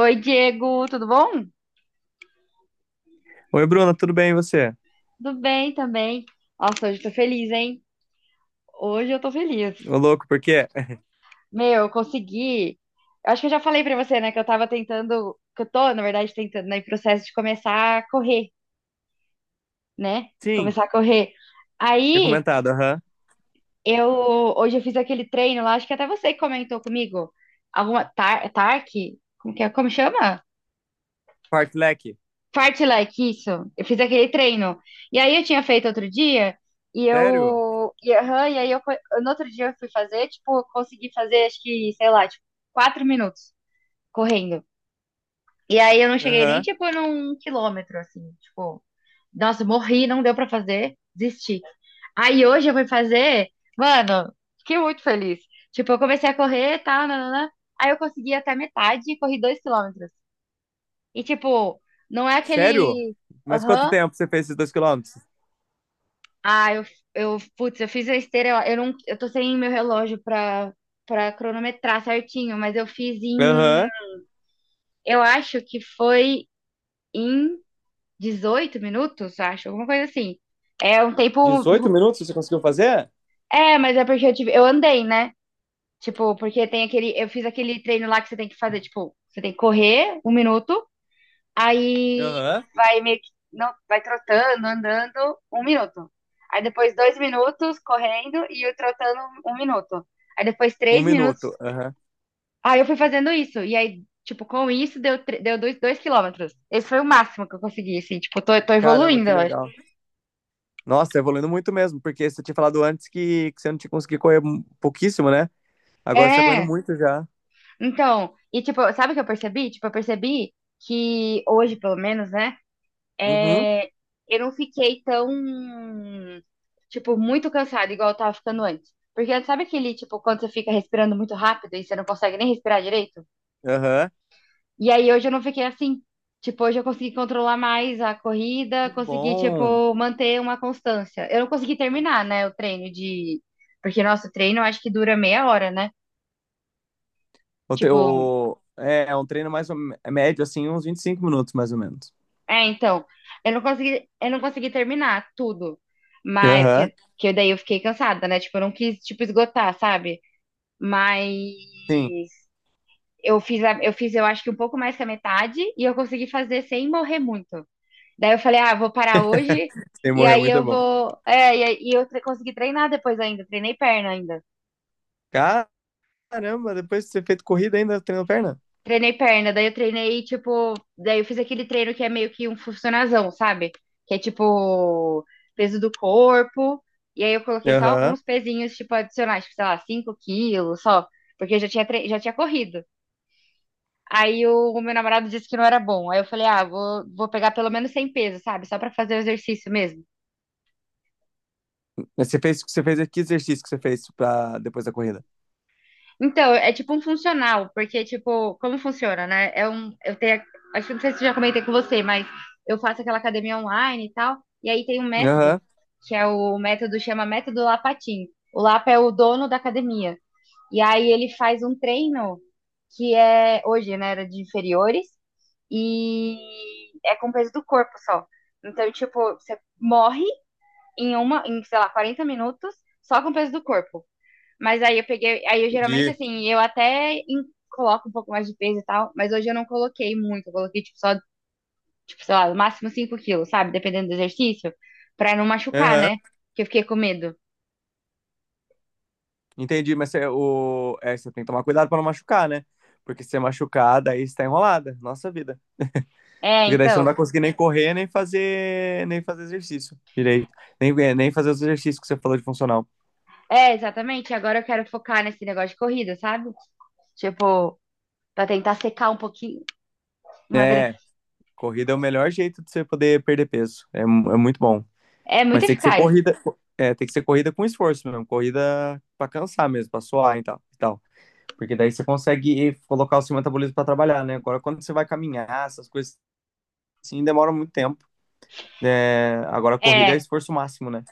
Oi, Diego, tudo bom? Oi, Bruna, tudo bem e você? Tudo bem também. Nossa, hoje eu tô feliz, hein? Hoje eu tô feliz. Ô, louco, por quê? Meu, eu consegui. Eu acho que eu já falei pra você, né, que eu tava tentando, que eu tô, na verdade, tentando, né, em processo de começar a correr, né? De Sim, começar a correr. tinha Aí, comentado, aham. eu hoje eu fiz aquele treino lá, acho que até você que comentou comigo. Alguma TARC, como que é? Como chama? Fartlek. Parte like isso. Eu fiz aquele treino. E aí eu tinha feito outro dia, e Sério? eu. E, aham, e aí eu, no outro dia eu fui fazer, tipo, eu consegui fazer, acho que, sei lá, tipo, 4 minutos correndo. E aí eu não cheguei nem, Aham. tipo, num quilômetro, assim, tipo, nossa, morri, não deu pra fazer, desisti. Aí hoje eu fui fazer, mano, fiquei muito feliz. Tipo, eu comecei a correr e tal, nananã. Aí eu consegui até metade e corri 2 quilômetros. E, tipo, não é Sério? aquele. Mas quanto Aham, tempo você fez esses 2 km? ah, eu, putz, eu fiz a esteira, eu não, eu tô sem meu relógio pra, pra cronometrar certinho, mas eu fiz em, Aham. eu acho que foi em 18 minutos, acho, alguma coisa assim. É um tempo, 18 minutos você conseguiu fazer? é, mas é porque eu tive, eu andei, né? Tipo, porque tem aquele, eu fiz aquele treino lá que você tem que fazer, tipo, você tem que correr um minuto, aí Aham. vai meio que não, vai trotando, andando um minuto. Aí depois 2 minutos correndo e eu trotando um minuto. Aí depois Um 3 minutos. minuto, aham. Aí eu fui fazendo isso. E aí, tipo, com isso deu, deu 2 quilômetros. Esse foi o máximo que eu consegui, assim. Tipo, tô Caramba, evoluindo, que eu acho. legal. Nossa, tá evoluindo muito mesmo, porque você tinha falado antes que você não tinha conseguido correr pouquíssimo, né? Agora você tá correndo É, muito já. então. E tipo, sabe o que eu percebi? Tipo, eu percebi que hoje, pelo menos, né? Uhum, É, eu não fiquei tão, tipo, muito cansada, igual eu tava ficando antes. Porque sabe aquele, tipo, quando você fica respirando muito rápido e você não consegue nem respirar direito? aham. E aí hoje eu não fiquei assim. Tipo, hoje eu consegui controlar mais a corrida, Que consegui, bom. tipo, manter uma constância. Eu não consegui terminar, né, o treino de... Porque nosso treino eu acho que dura meia hora, né? Tipo, É um treino é médio, assim, uns 25 minutos, mais ou menos. é, então, eu não consegui terminar tudo. Mas, Aham. porque que daí eu fiquei cansada, né? Tipo, eu não quis, tipo, esgotar, sabe? Mas Sim, eu fiz, eu fiz, eu acho que um pouco mais que a metade e eu consegui fazer sem morrer muito. Daí eu falei, ah, vou parar hoje sem e morrer é aí muito eu bom. vou. É, e, e eu consegui treinar depois ainda. Caramba, depois de ter feito corrida ainda treinou perna? Treinei perna, daí eu treinei, tipo, daí eu fiz aquele treino que é meio que um funcionazão, sabe? Que é tipo peso do corpo, e aí eu coloquei só Aham. alguns pezinhos, tipo, adicionais, tipo, sei lá, 5 quilos só, porque eu já tinha, já tinha corrido. Aí o meu namorado disse que não era bom. Aí eu falei, ah, vou pegar pelo menos 100 pesos, sabe? Só pra fazer o exercício mesmo. Mas você fez que exercício que você fez pra, depois da corrida? Então, é tipo um funcional, porque, tipo, como funciona, né? É um, eu tenho, acho que não sei se eu já comentei com você, mas eu faço aquela academia online e tal, e aí tem um método, Aham. que é o método, chama método Lapatin. O Lapa é o dono da academia. E aí ele faz um treino que é, hoje, né, era de inferiores, e é com peso do corpo só. Então, tipo, você morre em uma, em, sei lá, 40 minutos só com peso do corpo. Mas aí eu peguei, aí eu geralmente Entendi. assim, eu até coloco um pouco mais de peso e tal, mas hoje eu não coloquei muito, eu coloquei tipo só, tipo, sei lá, no máximo 5 quilos, sabe? Dependendo do exercício, pra não machucar, Aham. né? Que eu fiquei com medo. Entendi, mas você tem que tomar cuidado pra não machucar, né? Porque se você machucar, daí você tá enrolada. Nossa vida. É, Porque daí você não então. vai conseguir nem correr, nem fazer exercício direito. Nem fazer os exercícios que você falou de funcional. É, exatamente. Agora eu quero focar nesse negócio de corrida, sabe? Tipo, pra tentar secar um pouquinho, emagrecer. É, corrida é o melhor jeito de você poder perder peso. É, é muito bom. É Mas muito tem que ser eficaz. corrida, é, tem que ser corrida com esforço mesmo, corrida pra cansar mesmo, pra suar e tal, e tal. Porque daí você consegue colocar o seu metabolismo pra trabalhar, né? Agora, quando você vai caminhar, essas coisas assim, demora muito tempo. É, agora, a corrida é É, esforço máximo, né?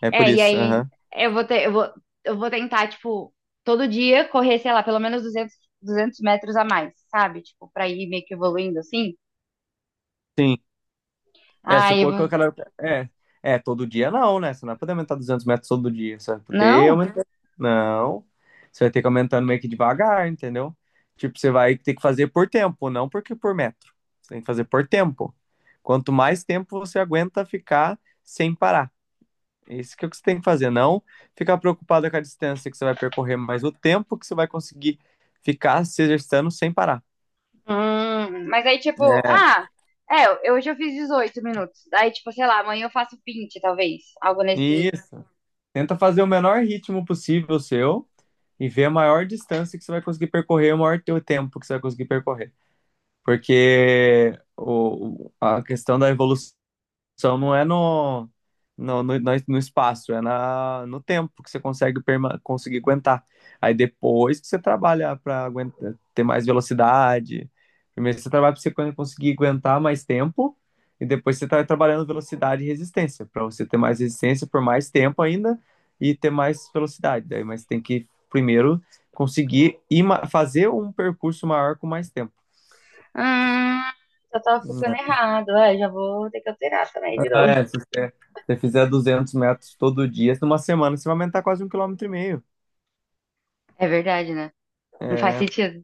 É por é, e isso. aí Aham. eu vou ter, eu vou tentar, tipo, todo dia correr, sei lá, pelo menos 200 metros a mais, sabe? Tipo, pra ir meio que evoluindo assim. Sim. É, se Aí eu for que eu vou... quero. É, todo dia não, né? Você não vai poder aumentar 200 metros todo dia. Você vai poder Não? aumentar. Não. Você vai ter que aumentando meio que devagar, entendeu? Tipo, você vai ter que fazer por tempo, não porque por metro. Você tem que fazer por tempo. Quanto mais tempo você aguenta ficar sem parar. É isso que é o que você tem que fazer. Não ficar preocupado com a distância que você vai percorrer, mas o tempo que você vai conseguir ficar se exercitando sem parar. Mas aí, tipo, É, ah, é, hoje eu fiz 18 minutos. Aí, tipo, sei lá, amanhã eu faço 20 talvez. Algo nesse. isso. Tenta fazer o menor ritmo possível seu e ver a maior distância que você vai conseguir percorrer, o maior teu tempo que você vai conseguir percorrer. Porque a questão da evolução só não é no espaço, é no tempo que você consegue conseguir aguentar. Aí depois que você trabalha para ter mais velocidade. Primeiro você trabalha para você conseguir aguentar mais tempo, e depois você está trabalhando velocidade e resistência, para você ter mais resistência por mais tempo ainda e ter mais velocidade. Daí, mas tem que primeiro conseguir ir, fazer um percurso maior com mais tempo. Hum, eu tava ficando errado. É, já vou ter que alterar também de Ah, novo. é, se você, você fizer 200 metros todo dia, numa semana você vai aumentar quase um quilômetro e meio. É verdade, né? Não faz É, sentido.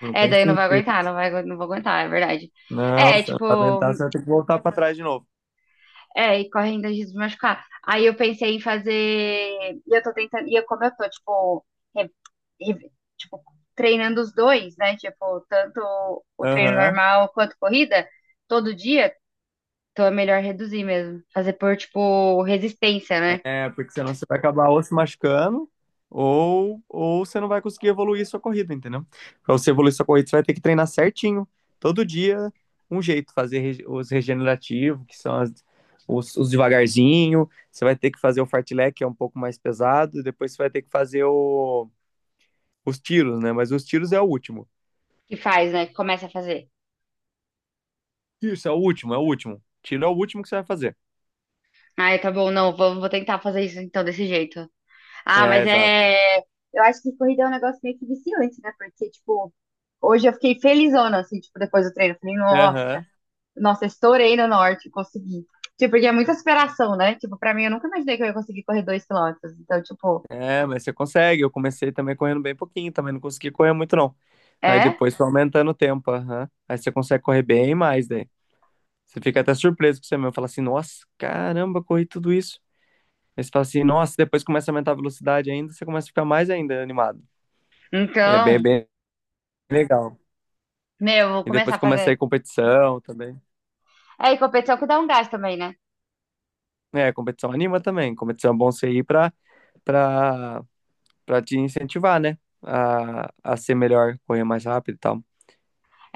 não É, tem daí não vai sentido. aguentar, não vou aguentar, é verdade. Não, É, se não tipo, aumentar, você vai ter que voltar para trás de novo. é, e corre ainda risco se machucar. Aí eu pensei em fazer. E eu tô tentando. E eu, como eu tô, tipo, re- re- tipo, treinando os dois, né? Tipo, tanto o treino Aham. normal quanto corrida, todo dia, então é melhor reduzir mesmo. Fazer por, tipo, resistência, né? É, porque senão você vai acabar ou se machucando, ou você não vai conseguir evoluir sua corrida, entendeu? Para você evoluir sua corrida, você vai ter que treinar certinho, todo dia, um jeito, fazer os regenerativos, que são os devagarzinho, você vai ter que fazer o fartlek, que é um pouco mais pesado, e depois você vai ter que fazer o os tiros, né? Mas os tiros é o último. Que faz, né? Que começa a fazer. Isso, é o último, é o último. Tiro é o último que você vai fazer. Ai, tá bom, não, vou tentar fazer isso então desse jeito. Ah, É, mas exato. é. Eu acho que corrida é um negócio meio que viciante, né? Porque, tipo, hoje eu fiquei felizona, assim, tipo, depois do treino. Eu falei, nossa. Aham. Nossa, eu estourei no norte, consegui. Tipo, porque é muita superação, né? Tipo, pra mim, eu nunca imaginei que eu ia conseguir correr 2 quilômetros. Então, tipo, É, mas você consegue. Eu comecei também correndo bem pouquinho, também não consegui correr muito, não. Aí é? depois foi aumentando o tempo, aham. Aí você consegue correr bem mais daí. Você fica até surpreso com você mesmo. Fala assim, nossa, caramba, corri tudo isso. Aí você fala assim, nossa, depois começa a aumentar a velocidade ainda, você começa a ficar mais ainda animado. É bem, Então, bem legal. meu, eu vou E começar depois a começa a fazer. ir competição também. É, e competição que dá um gás também, né? É, competição anima também. Competição é bom você ir pra, pra te incentivar, né? A ser melhor, correr mais rápido e tal.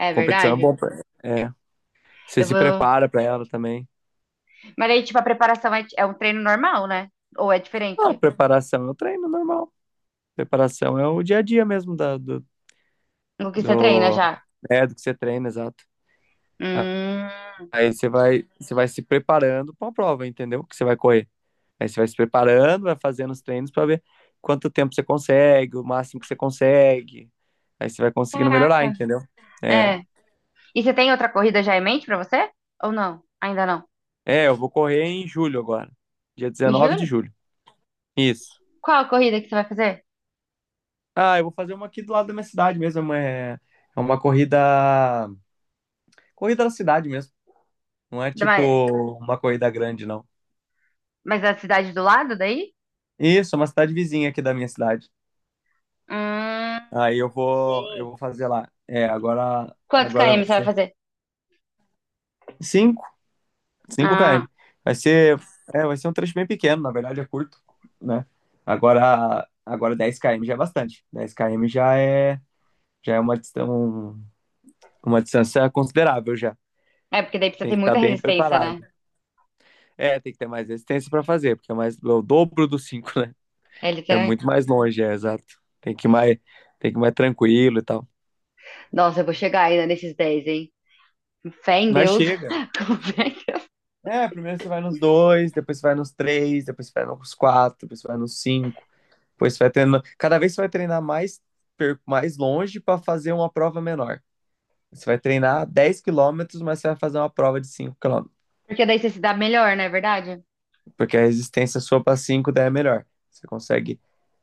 É Competição é verdade. bom pra, você Eu se vou. prepara pra ela também. Mas aí, tipo, a preparação é, é um treino normal, né? Ou é Ah, diferente preparação é o treino normal. Preparação é o dia a dia mesmo da, do, do que você treina do, já? é, do que você treina, exato. Hum, Aí você vai se preparando pra uma prova, entendeu? Que você vai correr. Aí você vai se preparando, vai fazendo os treinos para ver quanto tempo você consegue, o máximo que você consegue. Aí você vai conseguindo melhorar, caraca. entendeu? É. É. E você tem outra corrida já em mente pra você? Ou não? Ainda não? É, eu vou correr em julho agora. Dia Em 19 de julho? julho. Isso. Qual a corrida que você vai fazer? Ah, eu vou fazer uma aqui do lado da minha cidade mesmo. É uma corrida. Corrida da cidade mesmo. Não é tipo Da- uma corrida grande, não. Mas da cidade do lado daí? Isso, é uma cidade vizinha aqui da minha cidade. Ah, Aí eu vou, eu entendi. vou fazer lá. É, agora, Quantos agora km vai você vai ser. fazer? Sim, cinco Ah, km. Vai ser, vai ser um trecho bem pequeno, na verdade é curto, né? Agora 10 km já é bastante. Dez km já é uma distância considerável já. é porque daí precisa Tem ter que estar muita bem resistência, né? preparado. É, tem que ter mais resistência para fazer, porque é mais é o dobro do cinco, né? É É literalmente. muito mais longe, é exato. Tem que ir mais, tem que ir mais tranquilo e tal. Nossa, eu vou chegar ainda nesses 10, hein? Fé em Mas Deus. chega. Com fé em Deus. É, primeiro você vai nos dois, depois você vai nos três, depois você vai nos quatro, depois você vai nos cinco. Pois você vai treinando. Cada vez você vai treinar mais longe para fazer uma prova menor. Você vai treinar 10 km, mas você vai fazer uma prova de cinco km. Porque daí você se dá melhor, não é verdade? Porque a resistência sua para 5 daí é melhor. Você consegue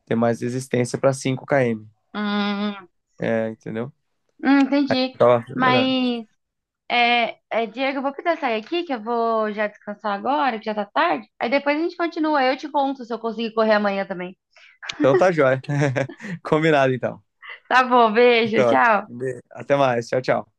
ter mais resistência para 5 km. Hum, É, entendeu? Entendi. Então, é melhor. Mas, é, Diego, eu vou precisar sair aqui, que eu vou já descansar agora, que já tá tarde. Aí depois a gente continua. Eu te conto se eu conseguir correr amanhã também. Então tá jóia. Combinado então. Tá bom, beijo, Então, tchau. até mais. Tchau, tchau.